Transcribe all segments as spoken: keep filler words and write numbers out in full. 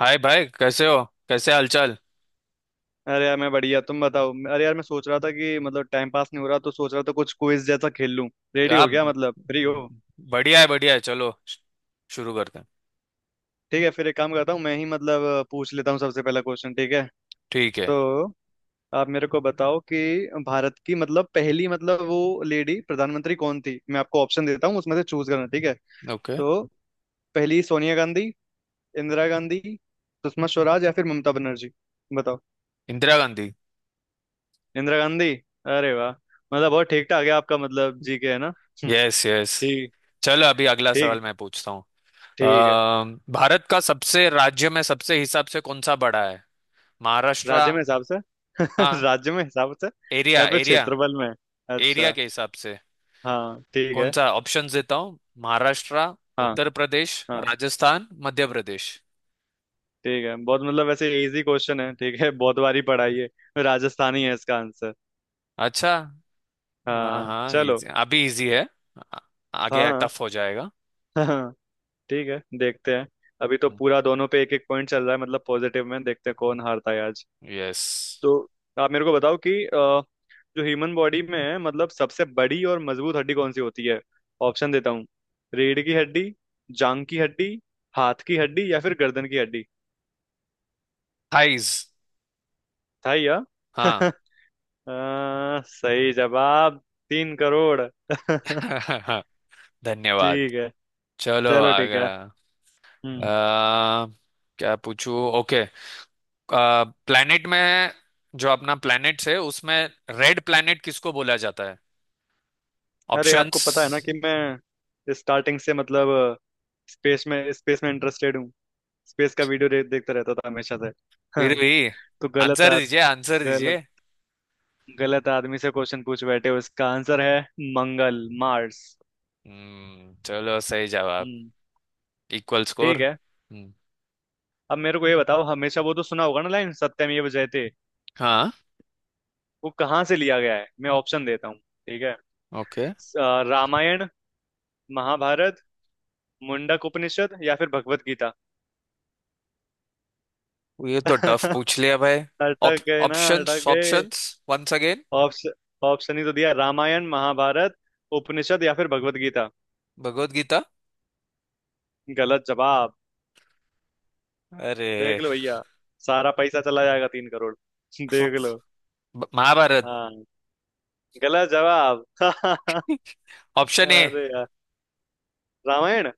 हाय भाई, कैसे हो? कैसे हालचाल? अरे यार मैं बढ़िया। तुम बताओ। अरे यार, मैं सोच रहा था कि मतलब टाइम पास नहीं हो रहा, तो सोच रहा था कुछ क्विज जैसा खेल लूं। रेडी हो आप? गया? मतलब फ्री हो? बढ़िया है, बढ़िया है। चलो, श- शुरू करते हैं। ठीक है, फिर एक काम करता हूँ, मैं ही मतलब पूछ लेता हूँ सबसे पहला क्वेश्चन। ठीक है। ठीक है। तो आप मेरे को बताओ कि भारत की मतलब पहली, मतलब वो लेडी प्रधानमंत्री कौन थी? मैं आपको ऑप्शन देता हूँ उसमें से चूज करना, ठीक है। ओके। तो पहली, सोनिया गांधी, इंदिरा गांधी, सुषमा स्वराज या फिर ममता बनर्जी? बताओ। इंदिरा गांधी। इंदिरा गांधी। अरे वाह! मतलब बहुत ठीक ठाक है आपका मतलब, जी के, है ना? Yes, yes. ठीक। चलो, अभी अगला सवाल ठीक। मैं पूछता हूँ। ठीक है। अम, भारत का सबसे राज्य में सबसे हिसाब से कौन सा बड़ा है? महाराष्ट्र। राज्य में हिसाब से? हाँ, राज्य में हिसाब से एरिया या फिर एरिया क्षेत्रफल में? एरिया अच्छा। के हिसाब से। हाँ ठीक कौन है। सा? ऑप्शंस देता हूँ। महाराष्ट्र, हाँ, उत्तर प्रदेश, हाँ। राजस्थान, मध्य प्रदेश। ठीक है, बहुत मतलब वैसे इजी क्वेश्चन है, ठीक है बहुत बार ही पढ़ा है ये। राजस्थान ही है इसका आंसर। अच्छा। हाँ, हाँ हाँ, चलो। इजी। अभी इजी है। आ- आगे हाँ टफ हो जाएगा। हाँ। ठीक है, देखते हैं। अभी तो पूरा दोनों पे एक एक पॉइंट चल रहा है मतलब पॉजिटिव में। देखते हैं कौन हारता है आज। यस। तो आप मेरे को बताओ कि अ, जो ह्यूमन बॉडी में है मतलब सबसे बड़ी और मजबूत हड्डी कौन सी होती है? ऑप्शन देता हूँ। रीढ़ की हड्डी, जांग की हड्डी, हाथ की हड्डी या फिर गर्दन की हड्डी? थाइज। था या? हाँ। अ, सही जवाब। तीन करोड़। धन्यवाद। ठीक है। चलो, चलो ठीक आगे। है। हम्म। आ, क्या पूछूं? ओके। प्लेनेट में, जो अपना प्लेनेट है उसमें, रेड प्लेनेट किसको बोला जाता है? अरे आपको ऑप्शंस। पता है ना कि मैं स्टार्टिंग से मतलब स्पेस में स्पेस में इंटरेस्टेड हूँ। स्पेस का वीडियो देखता रहता था हमेशा से। हाँ, फिर भी। तो गलत आंसर आ दीजिए, आंसर गलत। दीजिए। गलत आदमी से क्वेश्चन पूछ बैठे हो। इसका आंसर है मंगल, मार्स। हम्म। चलो, सही जवाब। हम्म। Equal score. ठीक है। हम्म। अब मेरे को ये बताओ, हमेशा वो तो सुना होगा ना लाइन सत्यमेव जयते, हाँ। वो कहाँ से लिया गया है? मैं ऑप्शन देता हूँ, ठीक है। ओके। स- अ, रामायण, महाभारत, मुंडक उपनिषद या फिर भगवत गीता? ये तो टफ पूछ लिया भाई। ऑप, अटक गए ना, ऑप्शंस, अटक गए। Options. Once again. Option? Option ही तो दिया। रामायण, महाभारत, उपनिषद या फिर भगवत गीता। भगवत गीता। गलत जवाब। अरे! देख लो भैया, सारा पैसा चला जाएगा तीन करोड़। फ- देख लो। ब- महाभारत। हाँ। गलत जवाब। Option A. अरे यार, रामायण।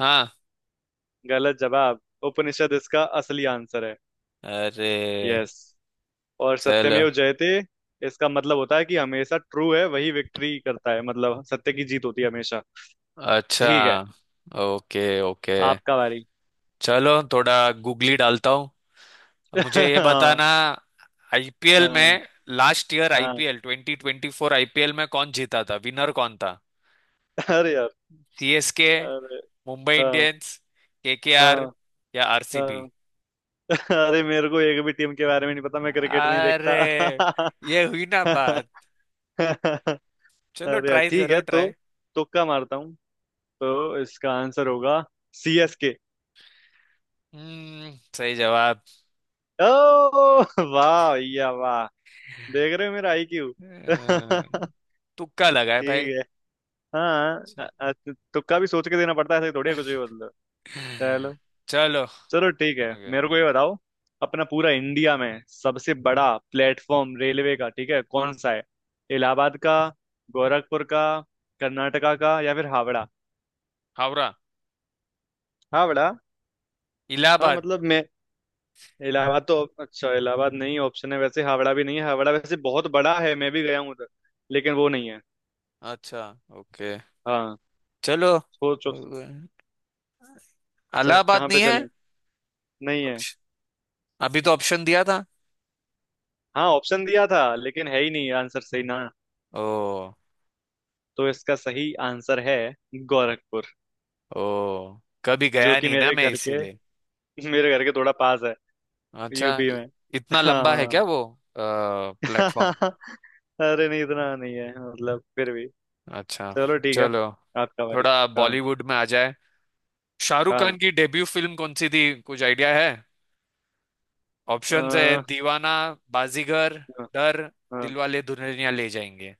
हाँ। गलत जवाब। उपनिषद इसका असली आंसर है। अरे, यस। और चल। सत्यमेव जयते, इसका मतलब होता है कि हमेशा ट्रू है वही विक्ट्री करता है, मतलब सत्य की जीत होती है हमेशा। अच्छा। ठीक है। Okay, okay. आपका बारी। चलो, थोड़ा गूगली डालता हूँ। मुझे ये हाँ, बताना, आईपीएल हाँ, में, लास्ट ईयर हाँ, IPL twenty twenty four IPL में कौन जीता था? विनर कौन था? अरे यार, सीएसके, अरे, मुंबई हाँ, इंडियंस, हाँ, केकेआर या आरसीबी। हाँ। अरे, मेरे को एक भी टीम के बारे में नहीं पता, मैं क्रिकेट नहीं अरे! देखता। ये हुई ना बात। चलो, अरे यार, ट्राई ठीक करो, है तो ट्राई। तुक्का मारता हूँ। तो इसका आंसर होगा सी एस के। हम्म, सही जवाब। ओ, वाह भैया वाह। देख रहे हो मेरा आई क्यू। ठीक अ, तुक्का लगा है भाई। है। हाँ, अ- अ- तुक्का भी सोच के देना पड़ता है, ऐसे थोड़ी है कुछ भी मतलब। चलो। चलो। चलो ठीक है, ओके। मेरे को ये हम्म, बताओ। अपना पूरा इंडिया में सबसे बड़ा प्लेटफॉर्म रेलवे का, ठीक है, कौन सा है? इलाहाबाद का, गोरखपुर का, कर्नाटका का या फिर हावड़ा? हावड़ा। हावड़ा। हाँ इलाहाबाद। मतलब मैं इलाहाबाद तो, अच्छा, इलाहाबाद नहीं ऑप्शन है, वैसे हावड़ा भी नहीं है। हावड़ा वैसे बहुत बड़ा है, मैं भी गया हूँ उधर, लेकिन वो नहीं है। अच्छा। ओके। हाँ। चलो। सोचो सर, इलाहाबाद कहाँ नहीं पे है? चलें, नहीं है। अभी तो ऑप्शन दिया था। हाँ ऑप्शन दिया था लेकिन है ही नहीं आंसर सही ना। ओ। तो इसका सही आंसर है गोरखपुर। ओ, कभी जो गया कि नहीं ना मेरे मैं, घर के इसीलिए। मेरे घर के थोड़ा पास है, अच्छा। यूपी इ- में। इतना लंबा है हाँ। क्या वो प्लेटफॉर्म? अरे नहीं, इतना नहीं है मतलब, फिर भी। अच्छा। चलो ठीक है। चलो, आपका बारी। थोड़ा हाँ। बॉलीवुड में आ जाए। शाहरुख हाँ। खान की डेब्यू फिल्म कौन सी थी? कुछ आइडिया है? अ, ऑप्शंस है: हाँ। दीवाना, बाजीगर, डर, हाँ। दिलवाले दुल्हनिया ले जाएंगे।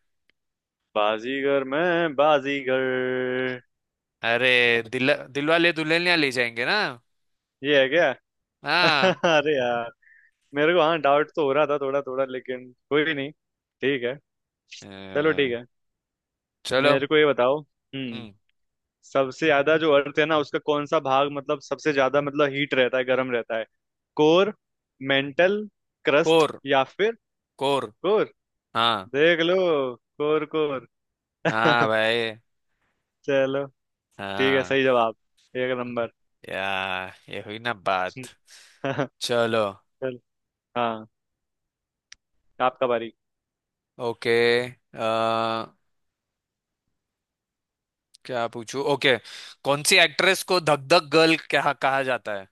बाजीगर, मैं बाजीगर। अरे! दिल दिलवाले दुल्हनिया ले जाएंगे ना? ये है क्या? हाँ। अरे यार। मेरे को हाँ डाउट तो हो रहा था थोड़ा थोड़ा, लेकिन कोई भी नहीं। ठीक है। चलो ठीक अ, है, चलो। मेरे को ये बताओ। हम्म हम्म। सबसे ज्यादा जो अर्थ है ना, उसका कौन सा भाग मतलब सबसे ज्यादा मतलब हीट रहता है, गर्म रहता है? कोर, मेंटल, क्रस्ट कोर, या फिर कोर। कोर? हाँ। देख लो। कोर। कोर। हाँ भाई। चलो ठीक है, हाँ। सही जवाब। एक नंबर। या, ये हुई ना बात। चलो। चल। हाँ, आपका बारी। ओके। क्या पूछूं? ओके। कौन सी एक्ट्रेस को धक धक गर्ल कहा कहा जाता है?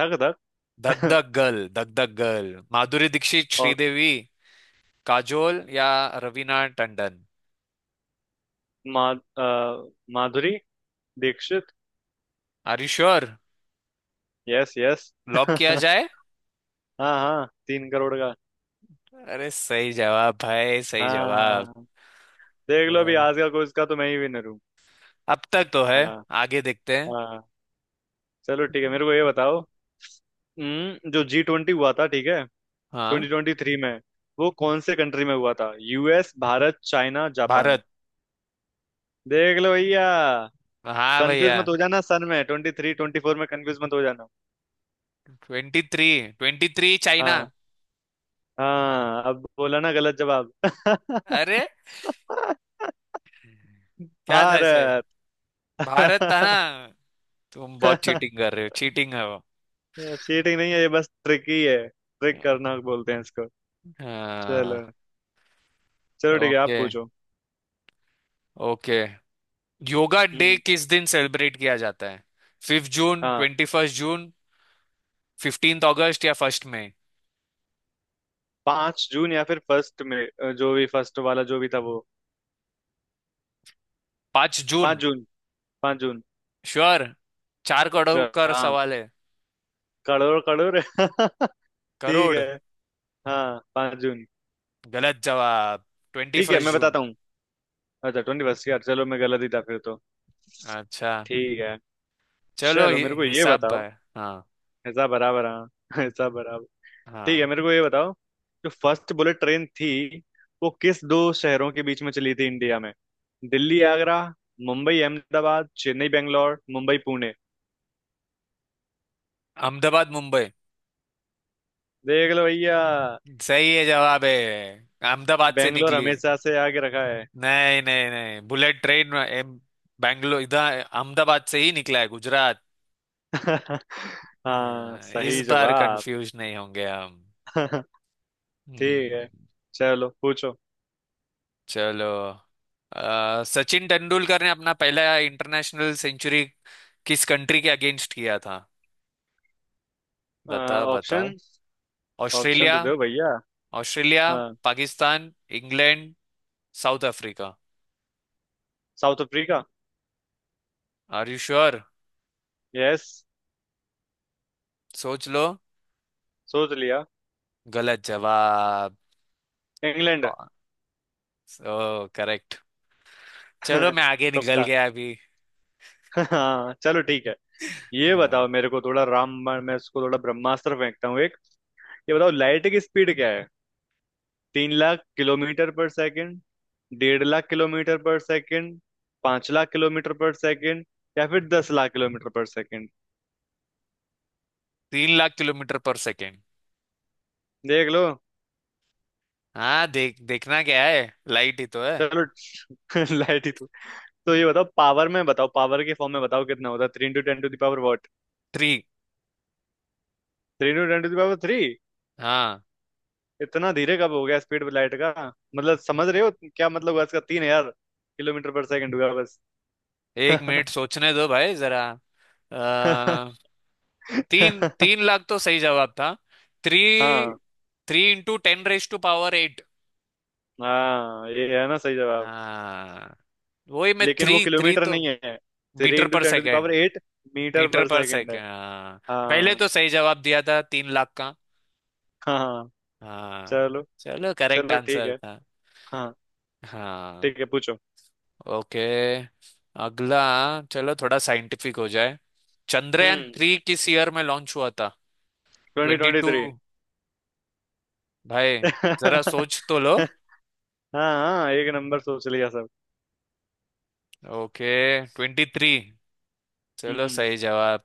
धक धक। धक धक गर्ल धक धक गर्ल माधुरी दीक्षित, और श्रीदेवी, काजोल या रवीना टंडन। मा, अ, Madhuri Dixit. Are you sure? Yes, yes. Lock किया जाए? हाँ, हाँ, तीन करोड़ का। अरे, सही जवाब भाई, सही जवाब। हाँ, देख अ, लो अभी आज का क्विज का तो मैं ही विनर हूँ। अब तक तो है। हाँ। आगे देखते हैं। हाँ। चलो ठीक है, मेरे को ये बताओ। हम्म, जो जी ट्वेंटी हुआ था, ठीक है, हाँ। ट्वेंटी ट्वेंटी थ्री में, वो कौन से कंट्री में हुआ था? US, Bharat, China, Japan? Bharat. देख लो भैया, हाँ कंफ्यूज भैया। मत हो जाना सन में, ट्वेंटी थ्री ट्वेंटी फोर में कंफ्यूज मत हो जाना। Twenty three. Twenty three China. हाँ। हाँ, अब बोला ना गलत जवाब। अरे! क्या था ऐसे? भारत। भारत था ना! तुम बहुत चीटिंग कर रहे हो, चीटिंग है वो। चीटिंग नहीं है ये, बस ट्रिक ही है, ट्रिक करना बोलते हैं इसको। हाँ। चलो। चलो ठीक है, आप ओके, पूछो। ओके। Yoga day hmm. किस दिन सेलिब्रेट किया जाता है? फिफ्थ जून, हाँ, twenty first June, fifteenth August या फर्स्ट मई। पांच जून या फिर फर्स्ट में, अ, जो भी फर्स्ट वाला जो भी था वो। पांच जून? पांच जून। पांच जून। श्योर? चार करोड़ का हाँ। सवाल है। करोड़, करोड़। ठीक करोड़। है। हाँ, पांच जून। गलत जवाब। ट्वेंटी ठीक है, फर्स्ट मैं जून बताता हूँ। अच्छा, ट्वेंटी फर्स्ट। यार चलो, मैं गलत ही था फिर तो। अच्छा। ठीक है। चलो, चलो हि मेरे को ये हिसाब बताओ। है। हाँ, ऐसा बराबर हाँ ऐसा बराबर। ठीक हाँ। है, मेरे को ये बताओ, जो फर्स्ट बुलेट ट्रेन थी, वो किस दो शहरों के बीच में चली थी इंडिया में? दिल्ली आगरा, मुंबई अहमदाबाद, चेन्नई बेंगलोर, मुंबई पुणे? अहमदाबाद, मुंबई। देख लो भैया, सही है, जवाब है। अहमदाबाद से बेंगलोर निकली है। हमेशा से आगे रखा है। नहीं, नहीं, नहीं। बुलेट ट्रेन में एम- बैंगलोर इधर अहमदाबाद से ही निकला है, गुजरात। हाँ अ, इस सही बार जवाब। कंफ्यूज नहीं होंगे हम। ठीक है, हम्म, चलो पूछो। चलो। अ, सचिन तेंदुलकर ने अपना पहला इंटरनेशनल सेंचुरी किस कंट्री के अगेंस्ट किया था? बताओ, ऑप्शन? बताओ। ऑप्शन तो ऑस्ट्रेलिया। दो भैया। ऑस्ट्रेलिया, हाँ, Pakistan, England, South Africa. South Africa. Are you sure? Yes. सोच लो। सोच लिया। गलत जवाब। इंग्लैंड। Oh, correct. चलो, मैं आगे निकल तुक्का। गया अभी। हाँ चलो ठीक है। ये हाँ, बताओ मेरे को, थोड़ा राम, मैं उसको थोड़ा ब्रह्मास्त्र फेंकता हूँ एक। ये बताओ, लाइट की स्पीड क्या है? तीन लाख किलोमीटर पर सेकंड, डेढ़ लाख किलोमीटर पर सेकंड, पांच लाख किलोमीटर पर सेकंड या फिर दस लाख किलोमीटर पर सेकंड? तीन लाख किलोमीटर पर सेकेंड। देख लो। हाँ, देख देखना क्या है, लाइट ही तो है। चलो लाइट ही तो। तो ये बताओ, पावर में बताओ, पावर के फॉर्म में बताओ, कितना होता है? Three into ten to the power what? Three. Three into ten to the power three? हाँ। इतना धीरे कब हो गया स्पीड लाइट का? मतलब समझ रहे हो? क्या मतलब हुआ इसका? तीन हजार किलोमीटर पर सेकंड हुआ बस। एक मिनट सोचने दो भाई, जरा। आ, तीन तीन लाख तो सही जवाब था। थ्री हाँ, three into ten raise to power eight. हाँ। ये है ना सही जवाब। हाँ, वही मैं। लेकिन वो थ्री थ्री किलोमीटर तो। नहीं है, थ्री मीटर इंटू पर ten to the power second. Eight metre metre पर पर सेकंड है। सेकेंड। हाँ, पहले हाँ, तो सही जवाब दिया था तीन लाख का। हाँ, हाँ। हाँ। चलो। चलो, करेक्ट चलो ठीक आंसर है। था। हाँ। हाँ। ठीक है, पूछो। ओके। अगला। चलो, थोड़ा साइंटिफिक हो जाए। चंद्रयान हम्म थ्री किस ईयर में लॉन्च हुआ था? Twenty twenty twenty two three भाई, जरा सोच तो लो। हाँ, हाँ, एक नंबर सोच लिया सब। ओके। Twenty three. चलो, हम्म। सही जवाब।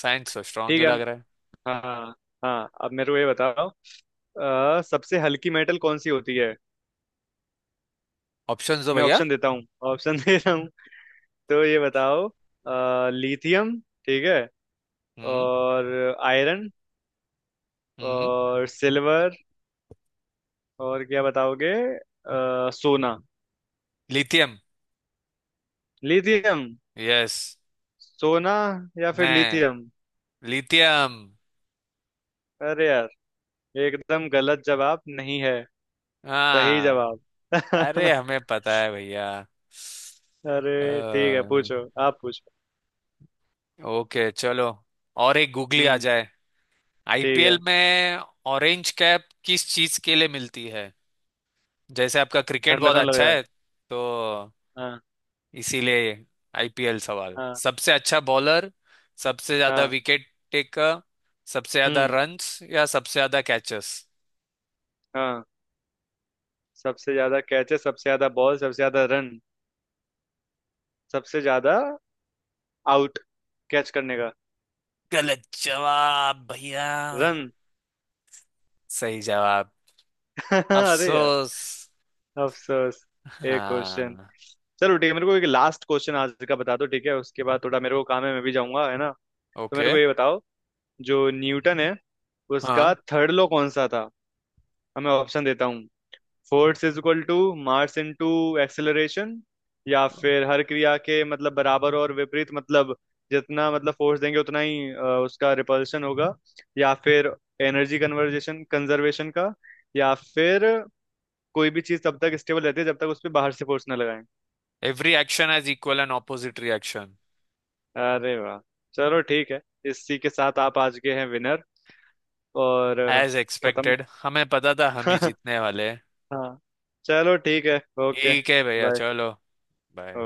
साइंस तो स्ट्रांग ठीक ही है। लग रहा है। हाँ। हाँ, अब मेरे को ये बताओ, अ, सबसे हल्की मेटल कौन सी होती है? ऑप्शन दो मैं भैया। ऑप्शन देता हूँ। ऑप्शन दे रहा हूँ। तो ये बताओ, लिथियम, ठीक है, हम्म। और आयरन हम्म। और सिल्वर और क्या बताओगे, अ, सोना? लिथियम। लिथियम। यस। सोना या फिर नहीं, लिथियम? लिथियम। अरे यार, एकदम गलत जवाब नहीं है। सही हाँ। जवाब। अरे, हमें पता है भैया। अरे ठीक है, अ, पूछो आप पूछो। ओके। चलो, और एक गूगली आ हम्म। जाए, ठीक आईपीएल है। में। ऑरेंज कैप किस चीज के लिए मिलती है? जैसे आपका क्रिकेट ठंडा बहुत ना लग अच्छा जाए। है तो, हाँ। इसीलिए। आईपीएल सवाल। हाँ। सबसे अच्छा बॉलर, सबसे ज्यादा हाँ। विकेट टेकर, सबसे ज्यादा हम्म। रन्स या सबसे ज्यादा कैचेस। हाँ, सबसे ज्यादा कैचे, सबसे ज्यादा बॉल, सबसे ज्यादा रन, सबसे ज्यादा आउट कैच करने का। गलत जवाब भैया। रन। सही जवाब। अरे यार, अफसोस। अफसोस। एक क्वेश्चन। हाँ। चलो ठीक है, मेरे को एक लास्ट क्वेश्चन आज का बता दो, ठीक है? उसके बाद थोड़ा मेरे को काम है, मैं भी जाऊंगा, है ना? तो ओके। मेरे को ये बताओ, जो न्यूटन है, हाँ। उसका थर्ड लॉ कौन सा था? अब मैं ऑप्शन देता हूँ। Force is equal to mass into acceleration, या फिर हर क्रिया के मतलब बराबर और विपरीत, मतलब जितना मतलब फोर्स देंगे उतना ही अ, उसका रिपल्शन होगा, या फिर एनर्जी कन्वर्जेशन कंजर्वेशन का, या फिर कोई भी चीज तब तक स्टेबल रहती है जब तक उस पर बाहर से फोर्स ना लगाएं? Every action has equal and opposite reaction. अरे वाह। चलो ठीक है। इसी के साथ आप आज के हैं विनर। और अ, एज खत्म। एक्सपेक्टेड, हमें पता था हम ही जीतने वाले हैं। हाँ चलो ठीक है। ओके। ठीक है भैया, बाय। चलो। बाय।